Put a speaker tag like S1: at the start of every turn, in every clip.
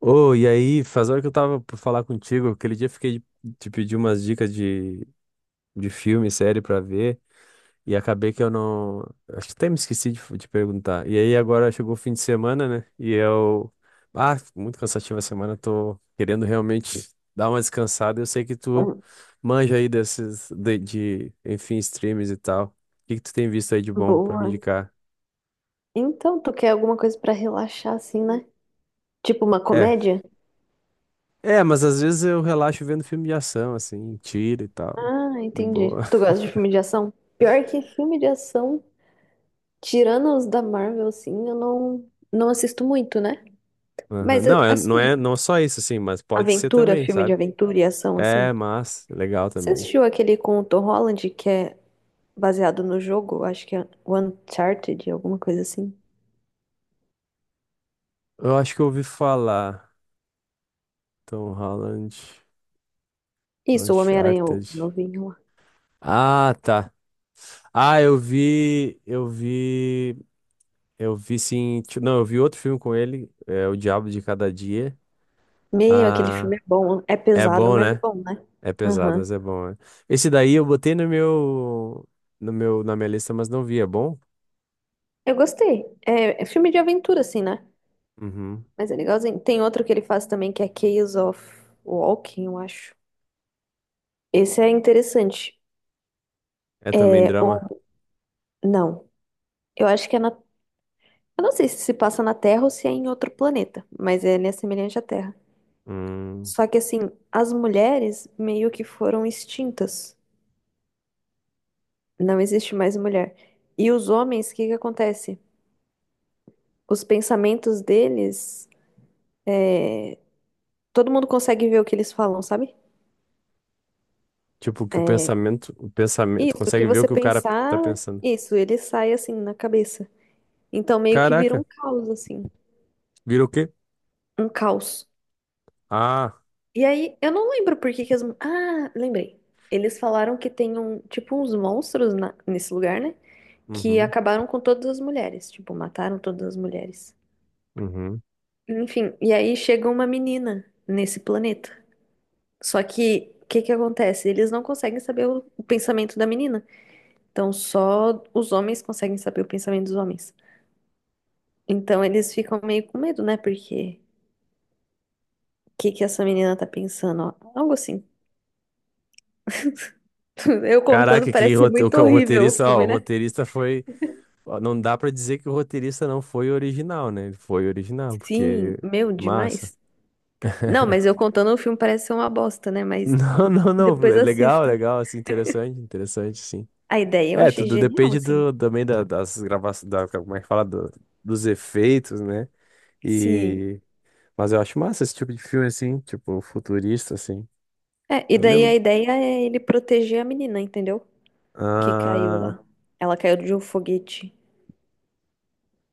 S1: Ô, e aí, faz hora que eu tava pra falar contigo, aquele dia eu fiquei de te pedir umas dicas de filme, série pra ver, e acabei que eu não. Acho que até me esqueci de te perguntar. E aí agora chegou o fim de semana, né? E eu. Ah, muito cansativa a semana, tô querendo realmente dar uma descansada. Eu sei que tu
S2: Hum,
S1: manja aí desses, enfim, streams e tal. O que que tu tem visto aí de bom pra me
S2: Boa.
S1: indicar?
S2: Então, tu quer alguma coisa pra relaxar assim, né? Tipo uma
S1: É.
S2: comédia?
S1: É, mas às vezes eu relaxo vendo filme de ação, assim, tiro e tal.
S2: Ah,
S1: De
S2: entendi.
S1: boa.
S2: Tu gosta de filme de ação? Pior que filme de ação, tirando os da Marvel, assim, eu não assisto muito, né?
S1: Aham.
S2: Mas
S1: Não, é, não é
S2: assim,
S1: não é só isso, assim, mas pode ser
S2: aventura,
S1: também,
S2: filme de
S1: sabe?
S2: aventura e ação,
S1: É,
S2: assim.
S1: mas legal
S2: Você
S1: também.
S2: assistiu aquele com o Tom Holland que é baseado no jogo? Acho que é Uncharted, alguma coisa assim.
S1: Eu acho que eu ouvi falar. Tom Holland,
S2: Isso, o Homem-Aranha, o
S1: Uncharted.
S2: novinho lá.
S1: Ah, tá. Ah, eu vi sim. Não, eu vi outro filme com ele, é O Diabo de Cada Dia.
S2: Meu, aquele
S1: Ah,
S2: filme é bom. É
S1: é
S2: pesado,
S1: bom,
S2: mas é
S1: né?
S2: bom, né?
S1: É pesado,
S2: Aham.
S1: mas é bom, né? Esse daí eu botei no meu, no meu, na minha lista, mas não vi. É bom?
S2: Eu gostei. É, é filme de aventura, assim, né?
S1: Uhum.
S2: Mas é legalzinho. Tem outro que ele faz também, que é Chaos of Walking, eu acho. Esse é interessante.
S1: É também
S2: É,
S1: drama.
S2: não. Eu acho que é na. Eu não sei se passa na Terra ou se é em outro planeta, mas é, ele é né, semelhante à Terra.
S1: Hum.
S2: Só que, assim, as mulheres meio que foram extintas. Não existe mais mulher. E os homens, o que que acontece? Os pensamentos deles, todo mundo consegue ver o que eles falam, sabe?
S1: Tipo, que o pensamento,
S2: Isso, o que
S1: consegue ver o
S2: você
S1: que o cara tá
S2: pensar,
S1: pensando.
S2: isso, ele sai assim na cabeça. Então meio que vira um
S1: Caraca,
S2: caos, assim.
S1: vira o quê?
S2: Um caos.
S1: Ah,
S2: E aí, eu não lembro por que que as. Ah, lembrei. Eles falaram que tem um, tipo, uns monstros nesse lugar, né? Que
S1: uhum,
S2: acabaram com todas as mulheres. Tipo, mataram todas as mulheres.
S1: uhum.
S2: Enfim, e aí chega uma menina nesse planeta. Só que, o que que acontece? Eles não conseguem saber o pensamento da menina. Então, só os homens conseguem saber o pensamento dos homens. Então eles ficam meio com medo, né? Porque o que que essa menina tá pensando? Ó? Algo assim. Eu contando
S1: Caraca, que
S2: parece ser muito
S1: o
S2: horrível o
S1: roteirista, ó, o
S2: filme, né?
S1: roteirista foi, ó, não dá pra dizer que o roteirista não foi original, né? Ele foi original, porque
S2: Sim, meu,
S1: massa.
S2: demais. Não, mas eu contando o filme parece ser uma bosta, né? Mas
S1: Não,
S2: depois
S1: é legal,
S2: assista.
S1: legal, assim, interessante, interessante, sim.
S2: A ideia eu
S1: É,
S2: achei
S1: tudo
S2: genial,
S1: depende
S2: assim.
S1: do, das gravações, da, como é que fala, dos efeitos, né?
S2: Sim.
S1: Mas eu acho massa esse tipo de filme, assim, tipo, futurista, assim.
S2: É, e
S1: Eu
S2: daí a
S1: lembro.
S2: ideia é ele proteger a menina, entendeu? Que caiu
S1: Ah,
S2: lá. Ela caiu de um foguete.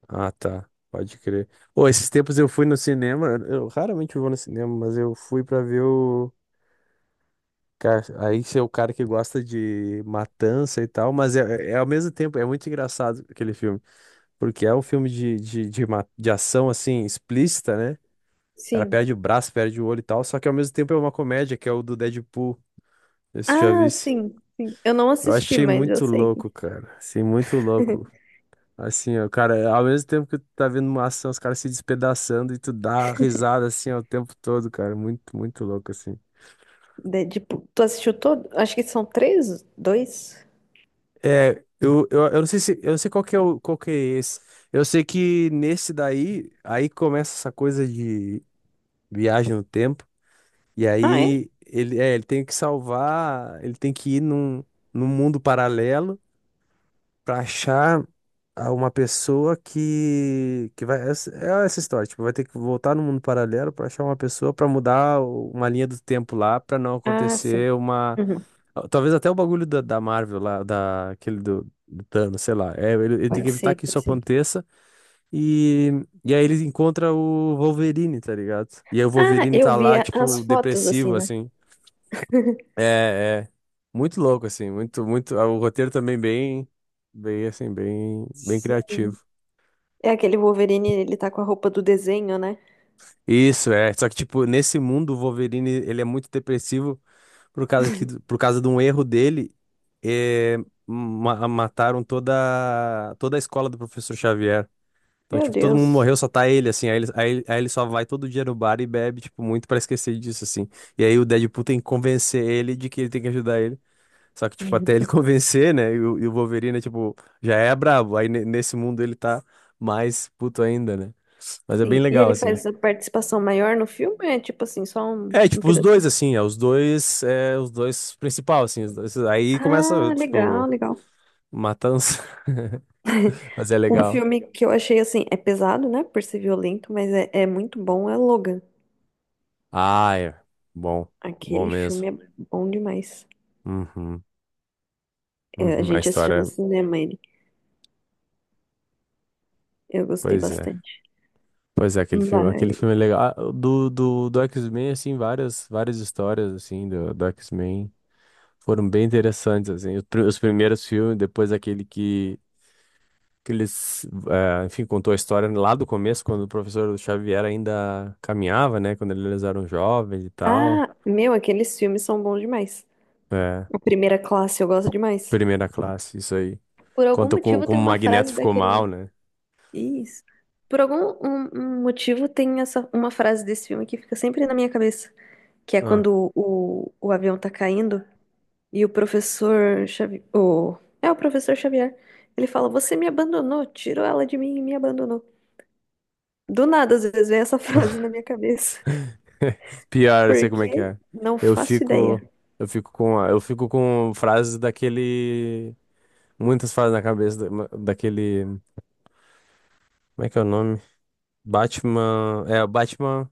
S1: ah, tá. Pode crer. Ô, esses tempos eu fui no cinema. Eu raramente vou no cinema, mas eu fui pra ver o. Cara, aí você é o cara que gosta de matança e tal, mas é, é ao mesmo tempo, é muito engraçado aquele filme. Porque é um filme de ação, assim, explícita, né? O cara
S2: Sim.
S1: perde o braço, perde o olho e tal, só que ao mesmo tempo é uma comédia, que é o do Deadpool. Esse já
S2: Ah,
S1: visse.
S2: sim, sim. Eu não
S1: Eu
S2: assisti,
S1: achei
S2: mas eu
S1: muito
S2: sei.
S1: louco, cara. Assim, muito louco. Assim, ó, cara, ao mesmo tempo que tu tá vendo uma ação, os caras se despedaçando e tu dá risada assim, ó, o tempo todo, cara. Muito, muito louco, assim.
S2: Tipo, tu assistiu todo? Acho que são três, dois.
S1: É, eu não sei se, eu não sei qual que é o, qual que é esse. Eu sei que nesse daí, aí começa essa coisa de viagem no tempo, e
S2: Ah, é?
S1: aí ele, é, ele tem que salvar, ele tem que ir num, num mundo paralelo, pra achar uma pessoa que é essa história, tipo, vai ter que voltar no mundo paralelo pra achar uma pessoa pra mudar uma linha do tempo lá pra não
S2: Ah, sim.
S1: acontecer uma,
S2: Uhum.
S1: talvez até o bagulho da Marvel lá, da aquele do Thanos, sei lá. É, ele tem que
S2: Pode
S1: evitar
S2: ser,
S1: que
S2: pode
S1: isso
S2: ser.
S1: aconteça e aí ele encontra o Wolverine, tá ligado? E aí o
S2: Ah,
S1: Wolverine
S2: eu
S1: tá lá
S2: via as
S1: tipo
S2: fotos assim,
S1: depressivo
S2: né?
S1: assim. É, é. Muito louco, assim, muito, muito. Ah, o roteiro também bem, bem, assim, bem, bem
S2: Sim.
S1: criativo.
S2: É aquele Wolverine, ele tá com a roupa do desenho, né?
S1: Isso, é. Só que, tipo, nesse mundo, o Wolverine, ele é muito depressivo por causa que, por causa de um erro dele, é, mataram toda, toda a escola do professor Xavier. Então,
S2: Meu
S1: tipo, todo mundo
S2: Deus.
S1: morreu, só tá ele, assim. Aí ele só vai todo dia no bar e bebe, tipo, muito pra esquecer disso, assim. E aí o Deadpool tem que convencer ele de que ele tem que ajudar ele. Só que, tipo, até ele convencer, né? E o Wolverine, tipo, já é brabo. Nesse mundo ele tá mais puto ainda, né? Mas é bem
S2: Sim. E
S1: legal,
S2: ele
S1: assim.
S2: faz a participação maior no filme? É tipo assim, só um,
S1: É,
S2: um
S1: tipo, os dois,
S2: pedacinho.
S1: assim, é, os dois principal, assim, os dois- aí começa,
S2: Ah,
S1: tipo,
S2: legal, legal.
S1: matança. Mas é
S2: O
S1: legal.
S2: filme que eu achei assim, é pesado, né? Por ser violento, mas é, é muito bom, é Logan.
S1: Ah, é. Bom. Bom
S2: Aquele
S1: mesmo.
S2: filme é bom demais.
S1: Uhum.
S2: É, a
S1: Uhum. A
S2: gente assistindo no
S1: história,
S2: cinema ele. Eu gostei
S1: pois é.
S2: bastante.
S1: Pois é, aquele
S2: Mas...
S1: filme é legal. Ah, do X-Men, assim, várias, várias histórias, assim, do X-Men. Foram bem interessantes, assim. Os primeiros filmes, depois aquele que eles, enfim, contou a história lá do começo, quando o professor Xavier ainda caminhava, né? Quando eles eram jovens e tal.
S2: Ah, meu, aqueles filmes são bons demais.
S1: É,
S2: A primeira classe eu gosto demais.
S1: primeira classe, isso aí.
S2: Por algum
S1: Conta como,
S2: motivo tem
S1: como o
S2: uma
S1: Magneto
S2: frase
S1: ficou mal,
S2: daquele.
S1: né?
S2: Isso. Por algum um motivo tem essa uma frase desse filme que fica sempre na minha cabeça, que é
S1: Ah.
S2: quando o avião tá caindo e o professor Xavier, o, é o professor Xavier, ele fala: "Você me abandonou, tirou ela de mim e me abandonou". Do nada às vezes vem essa frase na minha cabeça,
S1: Pior, eu sei como é que
S2: porque
S1: é.
S2: não
S1: Eu
S2: faço ideia.
S1: fico, eu fico com, eu fico com frases daquele, muitas frases na cabeça daquele, como é que é o nome? Batman, é, o Batman.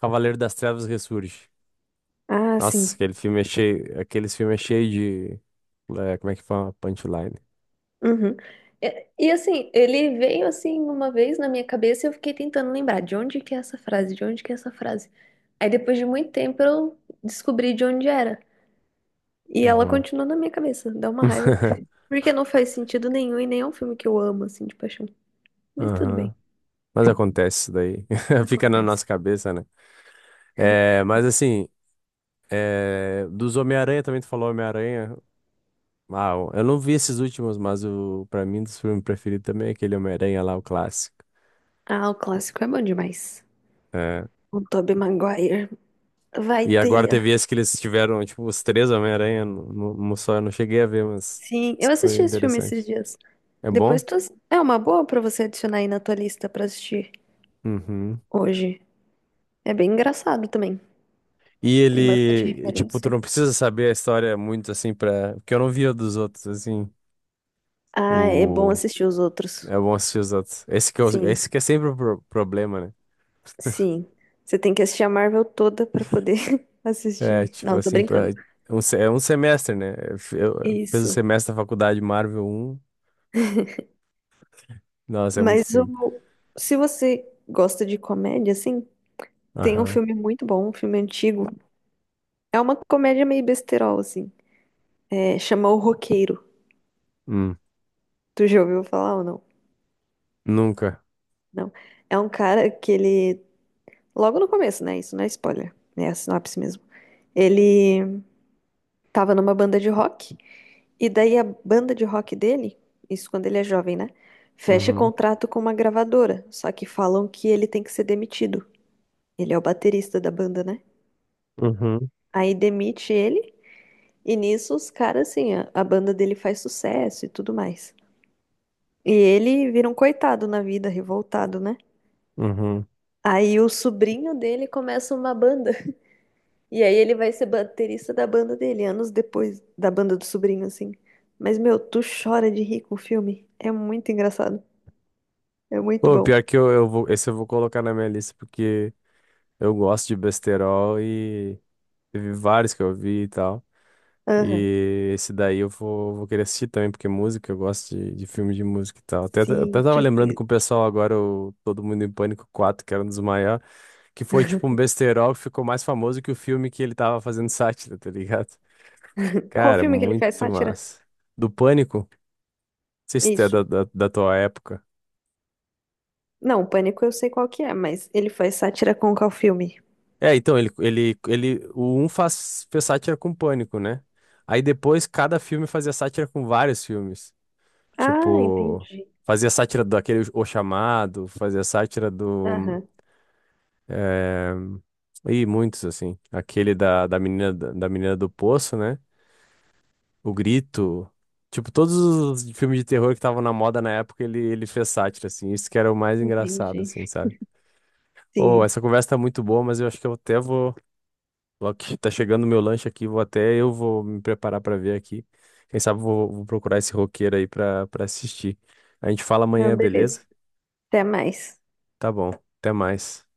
S1: Cavaleiro das Trevas Ressurge.
S2: Ah,
S1: Nossa,
S2: sim.
S1: aqueles filmes é cheio de, é, como é que fala? Punchline.
S2: Uhum. Assim, ele veio assim uma vez na minha cabeça e eu fiquei tentando lembrar de onde que é essa frase, de onde que é essa frase. Aí depois de muito tempo eu descobri de onde era. E ela
S1: Uhum.
S2: continua na minha cabeça, dá uma raiva. Porque não faz sentido nenhum e nem é um filme que eu amo, assim, de paixão. Mas tudo bem,
S1: Aham. Mas acontece isso daí. Fica na nossa
S2: acontece.
S1: cabeça, né? É, mas assim, é, dos Homem-Aranha também tu falou Homem-Aranha. Ah, eu não vi esses últimos, mas o para mim um dos filmes preferidos também é aquele Homem-Aranha lá, o clássico.
S2: Ah, o clássico é bom demais.
S1: É.
S2: O Tobey Maguire. Vai,
S1: E agora
S2: teia.
S1: teve esse que eles tiveram, tipo, os três Homem-Aranha no só, eu não cheguei a ver, mas
S2: Sim,
S1: isso
S2: eu
S1: que foi
S2: assisti esse filme esses
S1: interessante.
S2: dias.
S1: É
S2: Depois
S1: bom?
S2: tu... É uma boa pra você adicionar aí na tua lista pra assistir
S1: Uhum.
S2: hoje. É bem engraçado também.
S1: E
S2: Tem bastante
S1: ele, tipo, tu
S2: referência.
S1: não precisa saber a história muito assim pra. Porque eu não via dos outros, assim.
S2: Ah, é bom
S1: O...
S2: assistir os outros.
S1: É bom assistir os outros. Esse que,
S2: Sim,
S1: esse que é sempre o problema, né?
S2: sim. Você tem que assistir a Marvel toda pra poder
S1: É,
S2: assistir.
S1: tipo
S2: Não, tô
S1: assim, pra...
S2: brincando.
S1: é um semestre, né? Eu fiz o
S2: Isso.
S1: semestre da faculdade Marvel 1. Nossa, é muito
S2: Mas
S1: filme.
S2: o... se você gosta de comédia, assim, tem um
S1: Aham.
S2: filme muito bom, um filme antigo. É uma comédia meio besterol, assim. É, chama O Roqueiro.
S1: Hum.
S2: Tu já ouviu falar ou não?
S1: Nunca.
S2: Não. É um cara que ele. Logo no começo, né? Isso não é spoiler. Né? É a sinopse mesmo. Ele tava numa banda de rock. E daí a banda de rock dele, isso quando ele é jovem, né? Fecha
S1: Uhum.
S2: contrato com uma gravadora, só que falam que ele tem que ser demitido. Ele é o baterista da banda, né?
S1: Uhum.
S2: Aí demite ele, e nisso os caras, assim, a banda dele faz sucesso e tudo mais. E ele vira um coitado na vida, revoltado, né?
S1: Uhum.
S2: Aí o sobrinho dele começa uma banda. E aí ele vai ser baterista da banda dele, anos depois da banda do sobrinho, assim. Mas, meu, tu chora de rir com o filme. É muito engraçado. É muito
S1: Pô, pior
S2: bom.
S1: que eu vou. Esse eu vou colocar na minha lista porque eu gosto de besterol e teve vários que eu vi e tal.
S2: Aham.
S1: E esse daí vou querer assistir também, porque música, eu gosto de filme de música e tal. Até, eu até
S2: Sim,
S1: tava
S2: tipo,
S1: lembrando com o pessoal agora, o Todo Mundo em Pânico quatro, que era um dos maiores, que foi tipo um besterol que ficou mais famoso que o filme que ele tava fazendo sátira, tá ligado?
S2: qual
S1: Cara,
S2: filme que ele faz
S1: muito
S2: sátira?
S1: massa. Do Pânico? Sei se tu é
S2: Isso.
S1: da tua época.
S2: Não, Pânico eu sei qual que é, mas ele faz sátira com qual filme?
S1: É, então, o um faz, fez sátira com Pânico, né? Aí depois cada filme fazia sátira com vários filmes.
S2: Ah,
S1: Tipo,
S2: entendi.
S1: fazia sátira daquele O Chamado, fazia sátira do.
S2: Aham,
S1: É... E muitos, assim. Aquele da menina do poço, né? O Grito. Tipo, todos os filmes de terror que estavam na moda na época, ele fez sátira, assim. Isso que era o mais engraçado,
S2: entendi.
S1: assim, sabe? Oh,
S2: Sim.
S1: essa conversa tá muito boa, mas eu acho que eu até vou. Logo que tá chegando o meu lanche aqui, vou até eu vou me preparar pra ver aqui. Quem sabe vou procurar esse roqueiro aí pra para assistir. A gente fala amanhã,
S2: Não,
S1: beleza?
S2: beleza. Até mais.
S1: Tá bom. Até mais.